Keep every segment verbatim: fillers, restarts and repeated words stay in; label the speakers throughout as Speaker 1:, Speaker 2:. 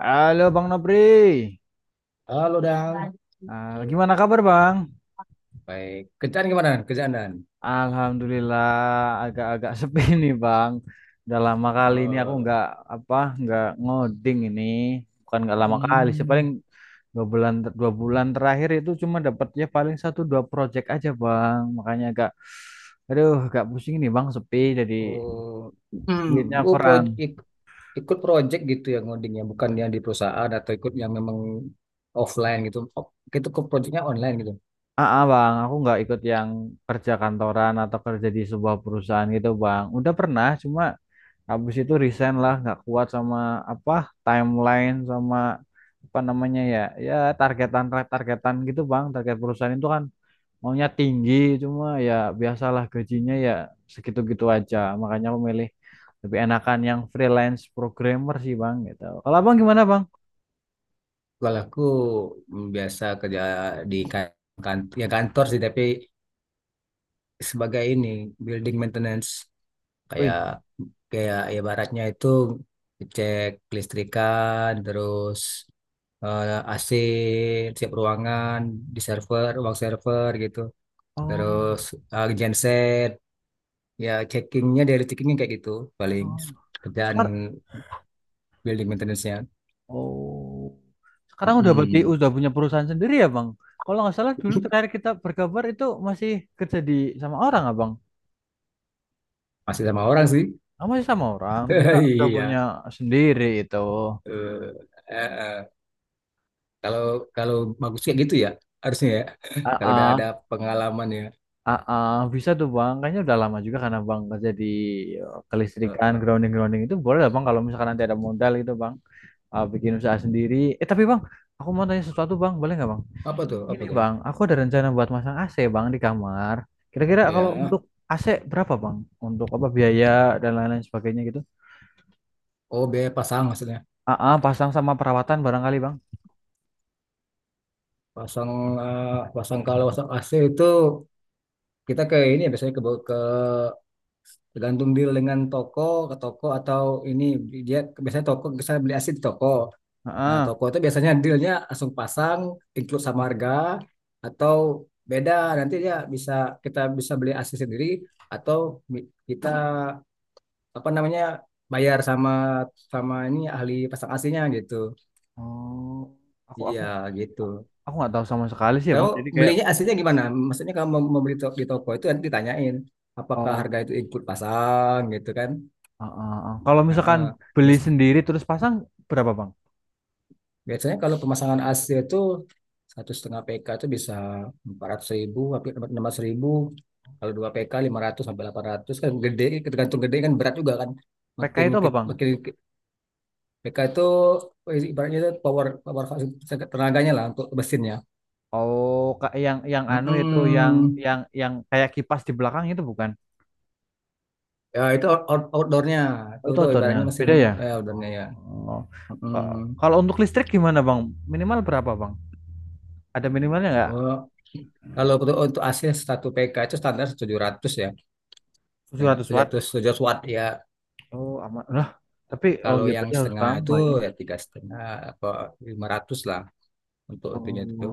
Speaker 1: Halo Bang Nopri.
Speaker 2: Halo Dang.
Speaker 1: Ah, gimana kabar Bang?
Speaker 2: Baik. Kerjaan gimana? Dan? Kerjaan Dan.
Speaker 1: Alhamdulillah agak-agak sepi nih Bang. Udah lama kali ini aku
Speaker 2: Eh,
Speaker 1: nggak apa nggak ngoding ini, bukan nggak lama kali sih paling
Speaker 2: hmm,
Speaker 1: dua bulan. Dua bulan terakhir itu cuma dapatnya paling satu dua project aja Bang. Makanya agak, aduh, agak pusing nih Bang, sepi jadi
Speaker 2: oh, hmm,
Speaker 1: duitnya
Speaker 2: bu proyek
Speaker 1: kurang.
Speaker 2: ik- Ikut proyek gitu ya ngodingnya, bukan yang di perusahaan atau ikut yang memang offline gitu. Oh, gitu, ke proyeknya online gitu.
Speaker 1: Ah, ah, Bang, aku nggak ikut yang kerja kantoran atau kerja di sebuah perusahaan gitu Bang. Udah pernah, cuma habis itu resign lah, nggak kuat sama apa timeline, sama apa namanya ya, ya targetan targetan gitu bang. Target perusahaan itu kan maunya tinggi, cuma ya biasalah gajinya ya segitu-gitu aja. Makanya aku milih lebih enakan yang freelance programmer sih bang gitu. Kalau abang gimana bang?
Speaker 2: Kalau aku hmm, biasa kerja di kantor, ya kantor sih, tapi sebagai ini building maintenance kayak
Speaker 1: Wih,
Speaker 2: kayak ya baratnya itu cek kelistrikan terus eh, A C, siap ruangan, di server ruang server gitu,
Speaker 1: oh,
Speaker 2: terus eh, genset, ya checkingnya dari checkingnya kayak gitu, paling
Speaker 1: oh,
Speaker 2: kerjaan
Speaker 1: sekarang.
Speaker 2: building maintenance-nya.
Speaker 1: Oh, sekarang udah berarti
Speaker 2: Mm-mm.
Speaker 1: udah punya perusahaan sendiri ya bang? Kalau nggak salah dulu terakhir kita berkabar itu masih kerja di, sama orang abang.
Speaker 2: Masih sama orang sih.
Speaker 1: Oh, masih sama orang, terkira udah punya
Speaker 2: Iya.
Speaker 1: sendiri itu.
Speaker 2: Eh, eh, eh. Kalau kalau bagus kayak gitu ya, harusnya ya,
Speaker 1: ah
Speaker 2: kalau udah
Speaker 1: ah
Speaker 2: ada pengalaman ya.
Speaker 1: ah, ah. Bisa tuh bang, kayaknya udah lama juga karena bang kerja di, eh,
Speaker 2: Eh,
Speaker 1: kelistrikan,
Speaker 2: eh.
Speaker 1: grounding-grounding itu boleh lah bang kalau misalkan nanti ada modal gitu bang. Eh, bikin usaha sendiri. Eh tapi bang, aku mau tanya sesuatu bang, boleh nggak bang?
Speaker 2: Apa tuh, apa
Speaker 1: Ini
Speaker 2: tuh?
Speaker 1: bang, aku ada rencana buat masang A C bang di kamar. Kira-kira kalau
Speaker 2: Ya,
Speaker 1: untuk A C berapa bang? Untuk apa biaya dan lain-lain sebagainya gitu?
Speaker 2: oh, biaya pasang maksudnya.
Speaker 1: Ah ah, pasang sama perawatan barangkali bang.
Speaker 2: Pasang eh, pasang, kalau pasang A C itu kita ke ini, ya biasanya ke, ke, tergantung deal dengan toko, ke toko atau ini, dia biasanya toko, bisa beli A C di toko.
Speaker 1: Ah,
Speaker 2: Nah,
Speaker 1: ah.
Speaker 2: toko itu biasanya dealnya langsung pasang, include sama harga, atau beda, nanti dia bisa, kita bisa beli A C sendiri atau bi- kita apa namanya, bayar sama sama ini ahli pasang A C-nya gitu.
Speaker 1: Oh, aku
Speaker 2: Iya,
Speaker 1: aku
Speaker 2: gitu.
Speaker 1: aku nggak tahu sama sekali sih ya
Speaker 2: Kau
Speaker 1: bang jadi kayak,
Speaker 2: belinya aslinya gimana? Maksudnya kalau mau, mau beli to- di toko itu nanti ditanyain apakah
Speaker 1: oh,
Speaker 2: harga itu ikut pasang gitu kan?
Speaker 1: ah, ah, ah. Kalau
Speaker 2: Nah,
Speaker 1: misalkan
Speaker 2: eh,
Speaker 1: beli
Speaker 2: biasa-
Speaker 1: sendiri terus pasang berapa bang?
Speaker 2: biasanya kalau pemasangan A C itu satu setengah P K itu bisa empat ratus ribu, hampir enam ratus ribu. Kalau dua P K, ratus sampai delapan ratus kan gede, tergantung gede kan berat juga kan.
Speaker 1: P K
Speaker 2: Makin
Speaker 1: itu apa
Speaker 2: ke-
Speaker 1: bang?
Speaker 2: makin ke- P K itu eh, ibaratnya itu power power tenaganya lah untuk mesinnya.
Speaker 1: Oh, ka- yang yang anu itu, yang
Speaker 2: Mm-mm.
Speaker 1: yang yang kayak kipas di belakang itu bukan?
Speaker 2: Ya itu out- out- outdoornya,
Speaker 1: Oh,
Speaker 2: tuh
Speaker 1: itu
Speaker 2: tuh
Speaker 1: outdoornya
Speaker 2: ibaratnya mesin
Speaker 1: beda ya.
Speaker 2: eh, outdoornya ya.
Speaker 1: Oh. Ka-
Speaker 2: Mm.
Speaker 1: Kalau untuk listrik gimana bang, minimal berapa bang, ada minimalnya nggak?
Speaker 2: Oh, kalau untuk untuk asli satu P K itu standar tujuh ratus ya, setengah
Speaker 1: tujuh ratus
Speaker 2: tujuh
Speaker 1: watt,
Speaker 2: ratus, tujuh ratus watt ya.
Speaker 1: oh aman lah. Tapi oh
Speaker 2: Kalau
Speaker 1: ya
Speaker 2: yang
Speaker 1: berarti harus
Speaker 2: setengah itu
Speaker 1: tambah ya.
Speaker 2: ya tiga setengah, apa, lima ratus lah untuk itunya itu.
Speaker 1: Oh,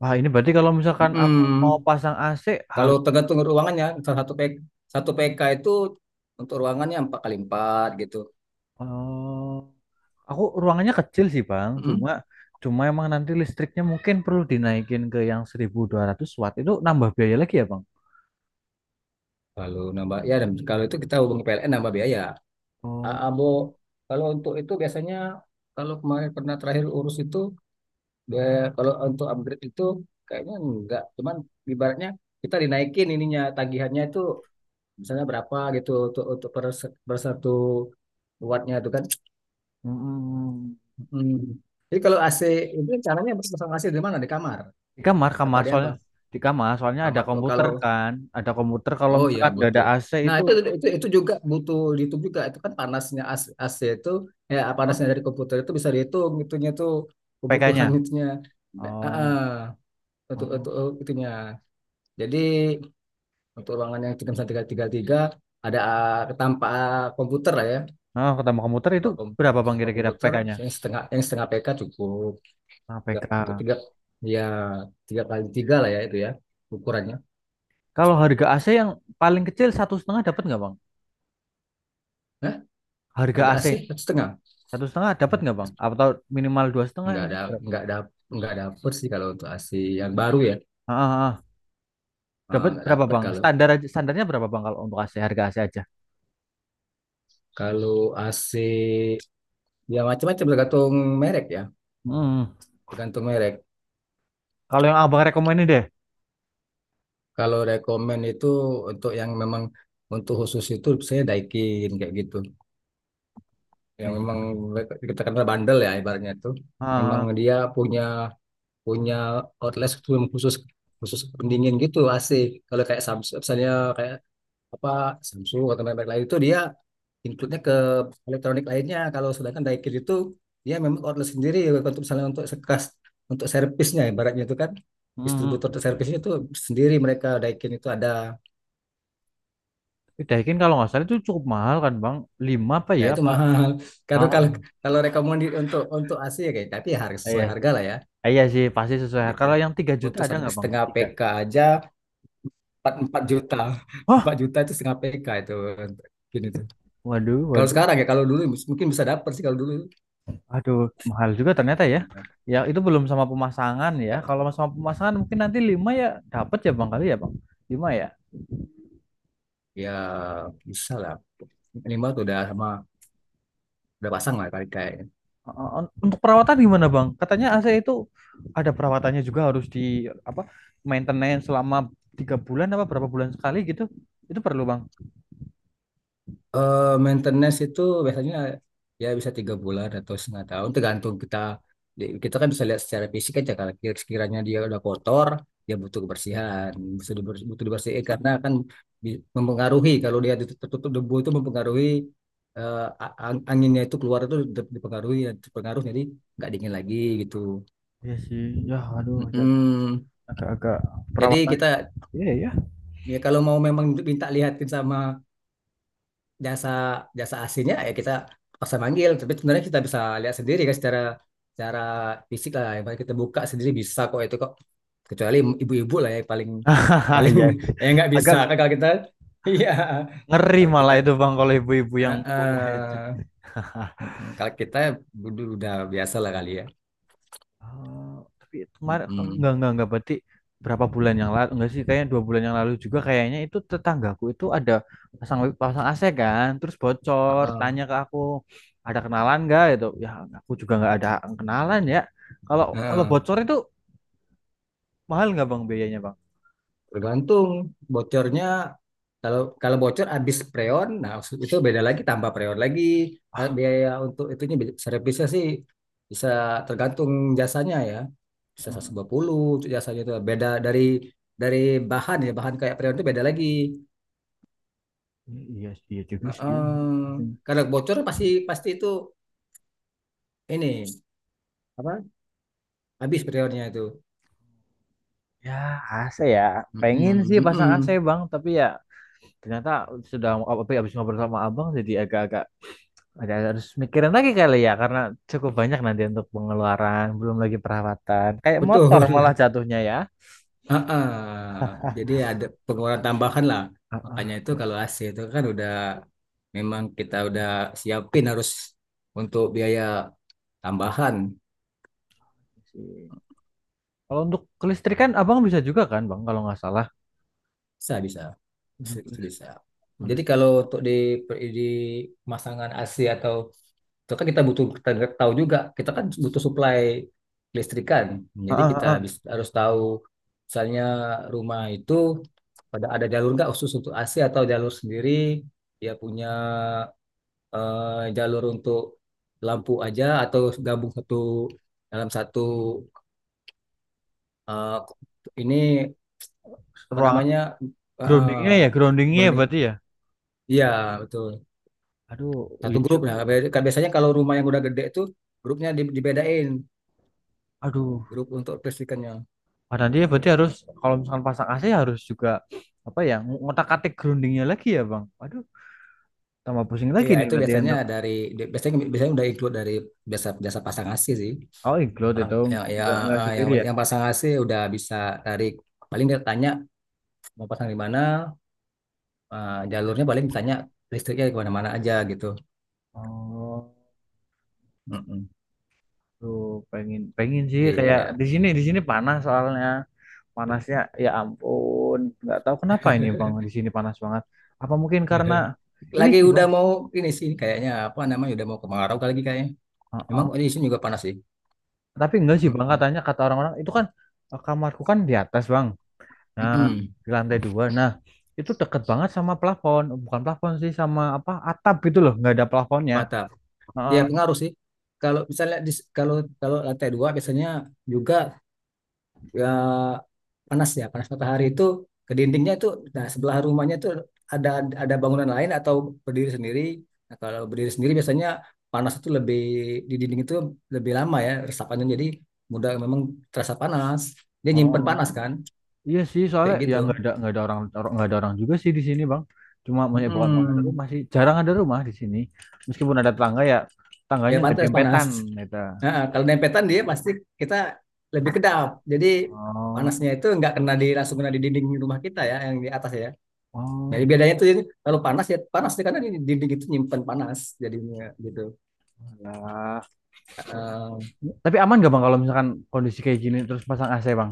Speaker 1: wah ini berarti kalau misalkan aku mau
Speaker 2: Mm-mm.
Speaker 1: pasang A C
Speaker 2: Kalau
Speaker 1: harus.
Speaker 2: tergantung ruangannya, salah satu P K, satu P K itu untuk ruangannya empat kali empat gitu.
Speaker 1: Oh, aku ruangannya kecil sih Bang,
Speaker 2: Mm.
Speaker 1: cuma, cuma emang nanti listriknya mungkin perlu dinaikin ke yang seribu dua ratus watt. Itu nambah biaya lagi ya Bang.
Speaker 2: Kalau nambah ya, dan kalau itu kita hubungi P L N, nambah biaya. A-
Speaker 1: Oh.
Speaker 2: Abo Kalau untuk itu biasanya, kalau kemarin pernah terakhir urus itu, dia, kalau untuk upgrade itu kayaknya enggak, cuman ibaratnya kita dinaikin ininya, tagihannya itu misalnya berapa gitu, untuk untuk per, se- per satu wattnya itu kan.
Speaker 1: Mm-mm.
Speaker 2: Hmm. Jadi kalau A C itu caranya pasang A C di mana? Di kamar?
Speaker 1: Di kamar,
Speaker 2: Apa
Speaker 1: kamar
Speaker 2: di apa?
Speaker 1: soalnya. Di kamar soalnya ada
Speaker 2: Kamar. Oh,
Speaker 1: komputer
Speaker 2: kalau,
Speaker 1: kan, ada komputer. Kalau
Speaker 2: oh ya
Speaker 1: misalkan nggak ada
Speaker 2: butuh.
Speaker 1: A C
Speaker 2: Nah,
Speaker 1: itu,
Speaker 2: itu itu itu juga butuh dihitung juga. Itu kan panasnya A C, A C itu, ya
Speaker 1: oh,
Speaker 2: panasnya dari komputer itu bisa dihitung itunya tuh,
Speaker 1: P K-nya.
Speaker 2: kebutuhan itunya. Eh,
Speaker 1: Oh,
Speaker 2: eh, untuk
Speaker 1: oh.
Speaker 2: untuk itunya. Jadi untuk ruangan yang tiga tiga tiga tiga, ada eh, tanpa komputer lah ya,
Speaker 1: Nah, ketambah komputer
Speaker 2: tanpa,
Speaker 1: itu
Speaker 2: kom-
Speaker 1: berapa Bang
Speaker 2: tanpa
Speaker 1: kira-kira
Speaker 2: komputer,
Speaker 1: P K-nya?
Speaker 2: yang setengah, yang setengah P K cukup
Speaker 1: Nah, P K.
Speaker 2: untuk tiga, ya tiga kali tiga lah ya itu ya ukurannya.
Speaker 1: Kalau harga A C yang paling kecil satu setengah dapat nggak Bang?
Speaker 2: Hah?
Speaker 1: Harga
Speaker 2: Harga
Speaker 1: A C
Speaker 2: A C satu setengah?
Speaker 1: satu setengah dapat
Speaker 2: Ya.
Speaker 1: nggak Bang? Atau minimal dua setengah
Speaker 2: Nggak
Speaker 1: itu
Speaker 2: ada
Speaker 1: berapa?
Speaker 2: nggak ada nggak dapet sih kalau untuk A C yang baru ya.
Speaker 1: Ah, ah, ah.
Speaker 2: Eh,
Speaker 1: Dapat
Speaker 2: nggak
Speaker 1: berapa
Speaker 2: dapet
Speaker 1: bang?
Speaker 2: kalau,
Speaker 1: Standar aja, standarnya berapa bang kalau untuk A C, harga A C aja?
Speaker 2: kalau A C ya macam-macam tergantung merek ya,
Speaker 1: Hmm.
Speaker 2: tergantung merek.
Speaker 1: Kalau yang abang rekomenin deh.
Speaker 2: Kalau rekomend itu untuk yang memang untuk khusus itu saya Daikin kayak gitu, yang
Speaker 1: Daikin.
Speaker 2: memang like, kita kenal bandel ya ibaratnya itu, memang
Speaker 1: Ah,
Speaker 2: dia punya punya outlet khusus, khusus pendingin gitu A C. Kalau kayak Samsung misalnya, kayak apa, Samsung atau merek lain itu dia include-nya ke elektronik lainnya, kalau sedangkan Daikin itu dia memang outlet sendiri, untuk misalnya untuk sekas, untuk servisnya ibaratnya itu kan,
Speaker 1: hmm.
Speaker 2: distributor untuk servisnya itu sendiri, mereka Daikin itu ada.
Speaker 1: Tapi Daikin kalau nggak salah itu cukup mahal kan bang? Lima apa
Speaker 2: Ya
Speaker 1: ya?
Speaker 2: itu
Speaker 1: Pak.
Speaker 2: mahal, karena
Speaker 1: Ah,
Speaker 2: kalau, kalau rekomendasi untuk untuk A C ya kayak, tapi ya harga
Speaker 1: iya
Speaker 2: sesuai
Speaker 1: sih.
Speaker 2: harga lah ya,
Speaker 1: Iya sih pasti sesuai.
Speaker 2: kayak gitu.
Speaker 1: Kalau yang tiga juta
Speaker 2: Untuk
Speaker 1: ada
Speaker 2: satu
Speaker 1: nggak bang?
Speaker 2: setengah
Speaker 1: Tiga.
Speaker 2: P K aja empat empat juta.
Speaker 1: Hah,
Speaker 2: Empat juta itu setengah P K itu gini tuh.
Speaker 1: waduh,
Speaker 2: Kalau
Speaker 1: waduh,
Speaker 2: sekarang ya, kalau dulu mungkin bisa dapat sih kalau dulu.
Speaker 1: aduh, mahal juga ternyata ya. Ya itu belum sama pemasangan ya. Kalau sama pemasangan mungkin nanti lima ya, dapat ya bang kali ya bang. Lima ya.
Speaker 2: Ya bisa lah. Minimal tuh udah sama, udah pasang lah kayak kayak
Speaker 1: Uh, Untuk perawatan gimana Bang? Katanya A C itu ada perawatannya juga, harus di apa, maintenance selama tiga bulan apa berapa bulan sekali gitu. Itu perlu Bang.
Speaker 2: Eh, maintenance itu biasanya ya bisa tiga bulan atau setengah tahun, tergantung kita di- kita kan bisa lihat secara fisik aja, kalau kira- sekiranya dia udah kotor, dia butuh kebersihan, butuh diber- butuh dibersihin, karena kan bi- mempengaruhi, kalau dia ditutup- tertutup debu itu mempengaruhi, eh, a- ang- anginnya itu keluar itu di- dipengaruhi ya, terpengaruh, jadi nggak dingin lagi gitu.
Speaker 1: Iya sih, ya aduh ya,
Speaker 2: Mm-mm.
Speaker 1: agak-agak
Speaker 2: Jadi
Speaker 1: perawatan.
Speaker 2: kita,
Speaker 1: Iya ya.
Speaker 2: ya kalau mau memang minta lihatin sama jasa, jasa aslinya ya kita paksa manggil, tapi sebenarnya kita bisa lihat sendiri kan secara secara fisik lah, yang paling kita buka sendiri bisa kok itu kok, kecuali ibu-ibu lah ya paling
Speaker 1: Iya,
Speaker 2: paling
Speaker 1: iya.
Speaker 2: ya nggak
Speaker 1: Agak
Speaker 2: bisa kan kalau kita. Iya,
Speaker 1: ngeri
Speaker 2: kalau kita
Speaker 1: malah itu Bang kalau ibu-ibu yang
Speaker 2: eh,
Speaker 1: buka headset.
Speaker 2: eh, mm, mm. kalau kita udah, udah biasa lah kali ya.
Speaker 1: Oh, tapi
Speaker 2: Mm,
Speaker 1: kemarin
Speaker 2: mm.
Speaker 1: enggak enggak enggak, berarti berapa bulan yang lalu, enggak sih kayaknya, dua bulan yang lalu juga kayaknya itu, tetanggaku itu ada pasang pasang A C kan, terus bocor
Speaker 2: Heeh.
Speaker 1: tanya ke aku ada kenalan enggak itu ya. Aku juga enggak ada kenalan ya. Kalau, kalau
Speaker 2: Heeh.
Speaker 1: bocor itu mahal enggak bang biayanya bang?
Speaker 2: Tergantung bocornya, kalau, kalau bocor habis preon, nah itu beda lagi, tambah preon lagi. Nah, biaya untuk itunya beda-, servisnya sih bisa tergantung jasanya ya. Bisa
Speaker 1: Oh,
Speaker 2: seratus lima puluh untuk jasanya, itu beda dari dari bahan ya, bahan kayak preon itu beda lagi.
Speaker 1: iya sih, iya juga sih.
Speaker 2: Heeh. Karena bocor pasti, pasti itu ini apa? Habis preonnya itu.
Speaker 1: Ya A C ya,
Speaker 2: Mm-mm,
Speaker 1: pengen sih pasang A C
Speaker 2: mm-mm.
Speaker 1: bang, tapi ya ternyata, sudah, tapi habis ngobrol sama abang jadi agak-agak ada harus mikirin lagi kali ya, karena cukup banyak nanti untuk pengeluaran, belum lagi perawatan. Kayak motor
Speaker 2: Betul.
Speaker 1: malah jatuhnya ya.
Speaker 2: Heeh. Jadi ada pengeluaran tambahan lah.
Speaker 1: Ah,
Speaker 2: Makanya
Speaker 1: ah,
Speaker 2: itu
Speaker 1: jadi
Speaker 2: kalau A C itu kan udah, memang kita udah siapin harus untuk biaya tambahan.
Speaker 1: sih. Kalau untuk kelistrikan abang bisa juga kan bang kalau nggak salah.
Speaker 2: Bisa, bisa. Bisa,
Speaker 1: Aduh,
Speaker 2: itu
Speaker 1: kelis-
Speaker 2: bisa. Jadi
Speaker 1: kelis-
Speaker 2: kalau untuk di di pemasangan A C atau itu kan kita butuh, kita tahu juga, kita kan butuh supply listrikan.
Speaker 1: ah,
Speaker 2: Jadi
Speaker 1: ah,
Speaker 2: kita
Speaker 1: ah.
Speaker 2: bis- harus tahu misalnya rumah itu pada ada jalur nggak khusus untuk A C atau jalur sendiri, dia punya eh, jalur untuk lampu aja atau gabung satu dalam satu eh, ini apa
Speaker 1: Ruangan,
Speaker 2: namanya
Speaker 1: groundingnya ya,
Speaker 2: eh,
Speaker 1: groundingnya ya berarti ya.
Speaker 2: iya betul,
Speaker 1: Aduh,
Speaker 2: satu
Speaker 1: iya
Speaker 2: grup
Speaker 1: juga
Speaker 2: ya.
Speaker 1: ya.
Speaker 2: Kayak biasanya kalau rumah yang udah gede itu grupnya di- dibedain
Speaker 1: Aduh,
Speaker 2: grup untuk listrikannya.
Speaker 1: Pak Dandi ya berarti harus, kalau misalkan pasang A C harus juga apa ya, ngotak-atik groundingnya lagi ya bang. Aduh, tambah pusing lagi
Speaker 2: Iya,
Speaker 1: nih
Speaker 2: itu
Speaker 1: berarti
Speaker 2: biasanya
Speaker 1: untuk.
Speaker 2: dari biasanya biasanya udah include dari biasa biasa pasang A C sih,
Speaker 1: Oh, include
Speaker 2: orang
Speaker 1: itu,
Speaker 2: yang yang
Speaker 1: nggak nggak
Speaker 2: eh, yang,
Speaker 1: sendiri ya.
Speaker 2: yang pasang A C udah bisa tarik, paling dia tanya mau pasang di mana, eh, jalurnya paling tanya listriknya kemana-mana aja gitu.
Speaker 1: Oh.
Speaker 2: Mm-mm.
Speaker 1: Tuh, pengen pengen sih, kayak
Speaker 2: Iya.
Speaker 1: di sini, di sini panas soalnya. Panasnya ya ampun nggak tahu kenapa ini bang di sini panas banget, apa mungkin karena ini
Speaker 2: Lagi
Speaker 1: sih
Speaker 2: udah
Speaker 1: bang.
Speaker 2: mau ini sih kayaknya apa namanya, udah mau kemarau kali lagi kayaknya. Memang
Speaker 1: Heeh.
Speaker 2: di sini juga panas sih.
Speaker 1: Tapi enggak sih bang,
Speaker 2: Mm-mm.
Speaker 1: katanya kata orang-orang itu kan, eh, kamarku kan di atas bang, nah,
Speaker 2: Mm-mm.
Speaker 1: di lantai dua, nah, itu deket banget sama plafon, bukan plafon sih, sama apa, atap gitu loh, nggak ada plafonnya.
Speaker 2: Mantap.
Speaker 1: Heeh.
Speaker 2: Ya pengaruh sih. Kalau misalnya di, kalau, kalau lantai dua biasanya juga ya, panas ya, panas matahari itu ke dindingnya itu, nah sebelah rumahnya itu ada ada bangunan lain atau berdiri sendiri, nah, kalau berdiri sendiri biasanya panas itu lebih di dinding itu lebih lama ya resapannya, jadi mudah memang terasa panas, dia nyimpen panas kan,
Speaker 1: Oh, iya sih soalnya
Speaker 2: kayak
Speaker 1: ya
Speaker 2: gitu.
Speaker 1: nggak ada, nggak ada orang, orang- nggak ada orang juga sih di sini bang. Cuma banyak, bukan bukan ada
Speaker 2: Mm-mm.
Speaker 1: rumah sih, jarang ada rumah di sini. Meskipun ada tetangga ya, tangganya
Speaker 2: Ya
Speaker 1: nggak
Speaker 2: pantas panas.
Speaker 1: dempetan gitu.
Speaker 2: Nah, kalau dempetan dia pasti kita lebih kedap, jadi
Speaker 1: Oh,
Speaker 2: panasnya itu nggak kena, di langsung kena di dinding rumah kita ya yang di atas ya.
Speaker 1: oh
Speaker 2: Nah,
Speaker 1: gitu
Speaker 2: bedanya tuh, kalau panas ya panas dia, karena ini dinding itu nyimpan panas jadinya gitu.
Speaker 1: ya.
Speaker 2: Eh,
Speaker 1: Tapi aman gak bang kalau misalkan kondisi kayak gini terus pasang A C bang?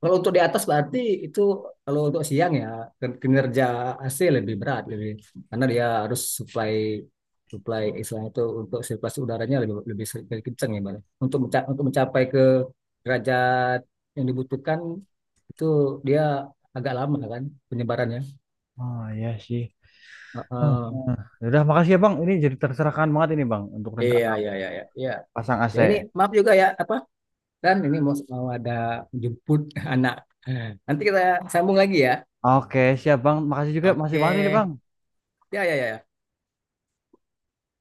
Speaker 2: Kalau untuk di atas berarti itu, kalau untuk siang ya kin- kinerja A C lebih berat lebih, karena dia harus supply supply istilahnya itu untuk sirkulasi udaranya lebih lebih, se- lebih kencang ya Mbak. Untuk menca- untuk mencapai ke derajat yang dibutuhkan itu, dia agak lama kan penyebarannya.
Speaker 1: Oh iya sih.
Speaker 2: Eh,
Speaker 1: Hmm.
Speaker 2: eh.
Speaker 1: Hmm. Ya udah, makasih ya bang. Ini jadi tercerahkan banget ini bang untuk
Speaker 2: Iya,
Speaker 1: rencana aku
Speaker 2: iya, iya, iya, iya.
Speaker 1: pasang A C.
Speaker 2: Ya ini maaf juga ya apa, Dan ini mau, mau ada jemput anak. Nanti kita sambung lagi ya.
Speaker 1: Oke siap bang. Makasih juga masih
Speaker 2: Oke.
Speaker 1: banget ini bang.
Speaker 2: Ya, ya, ya.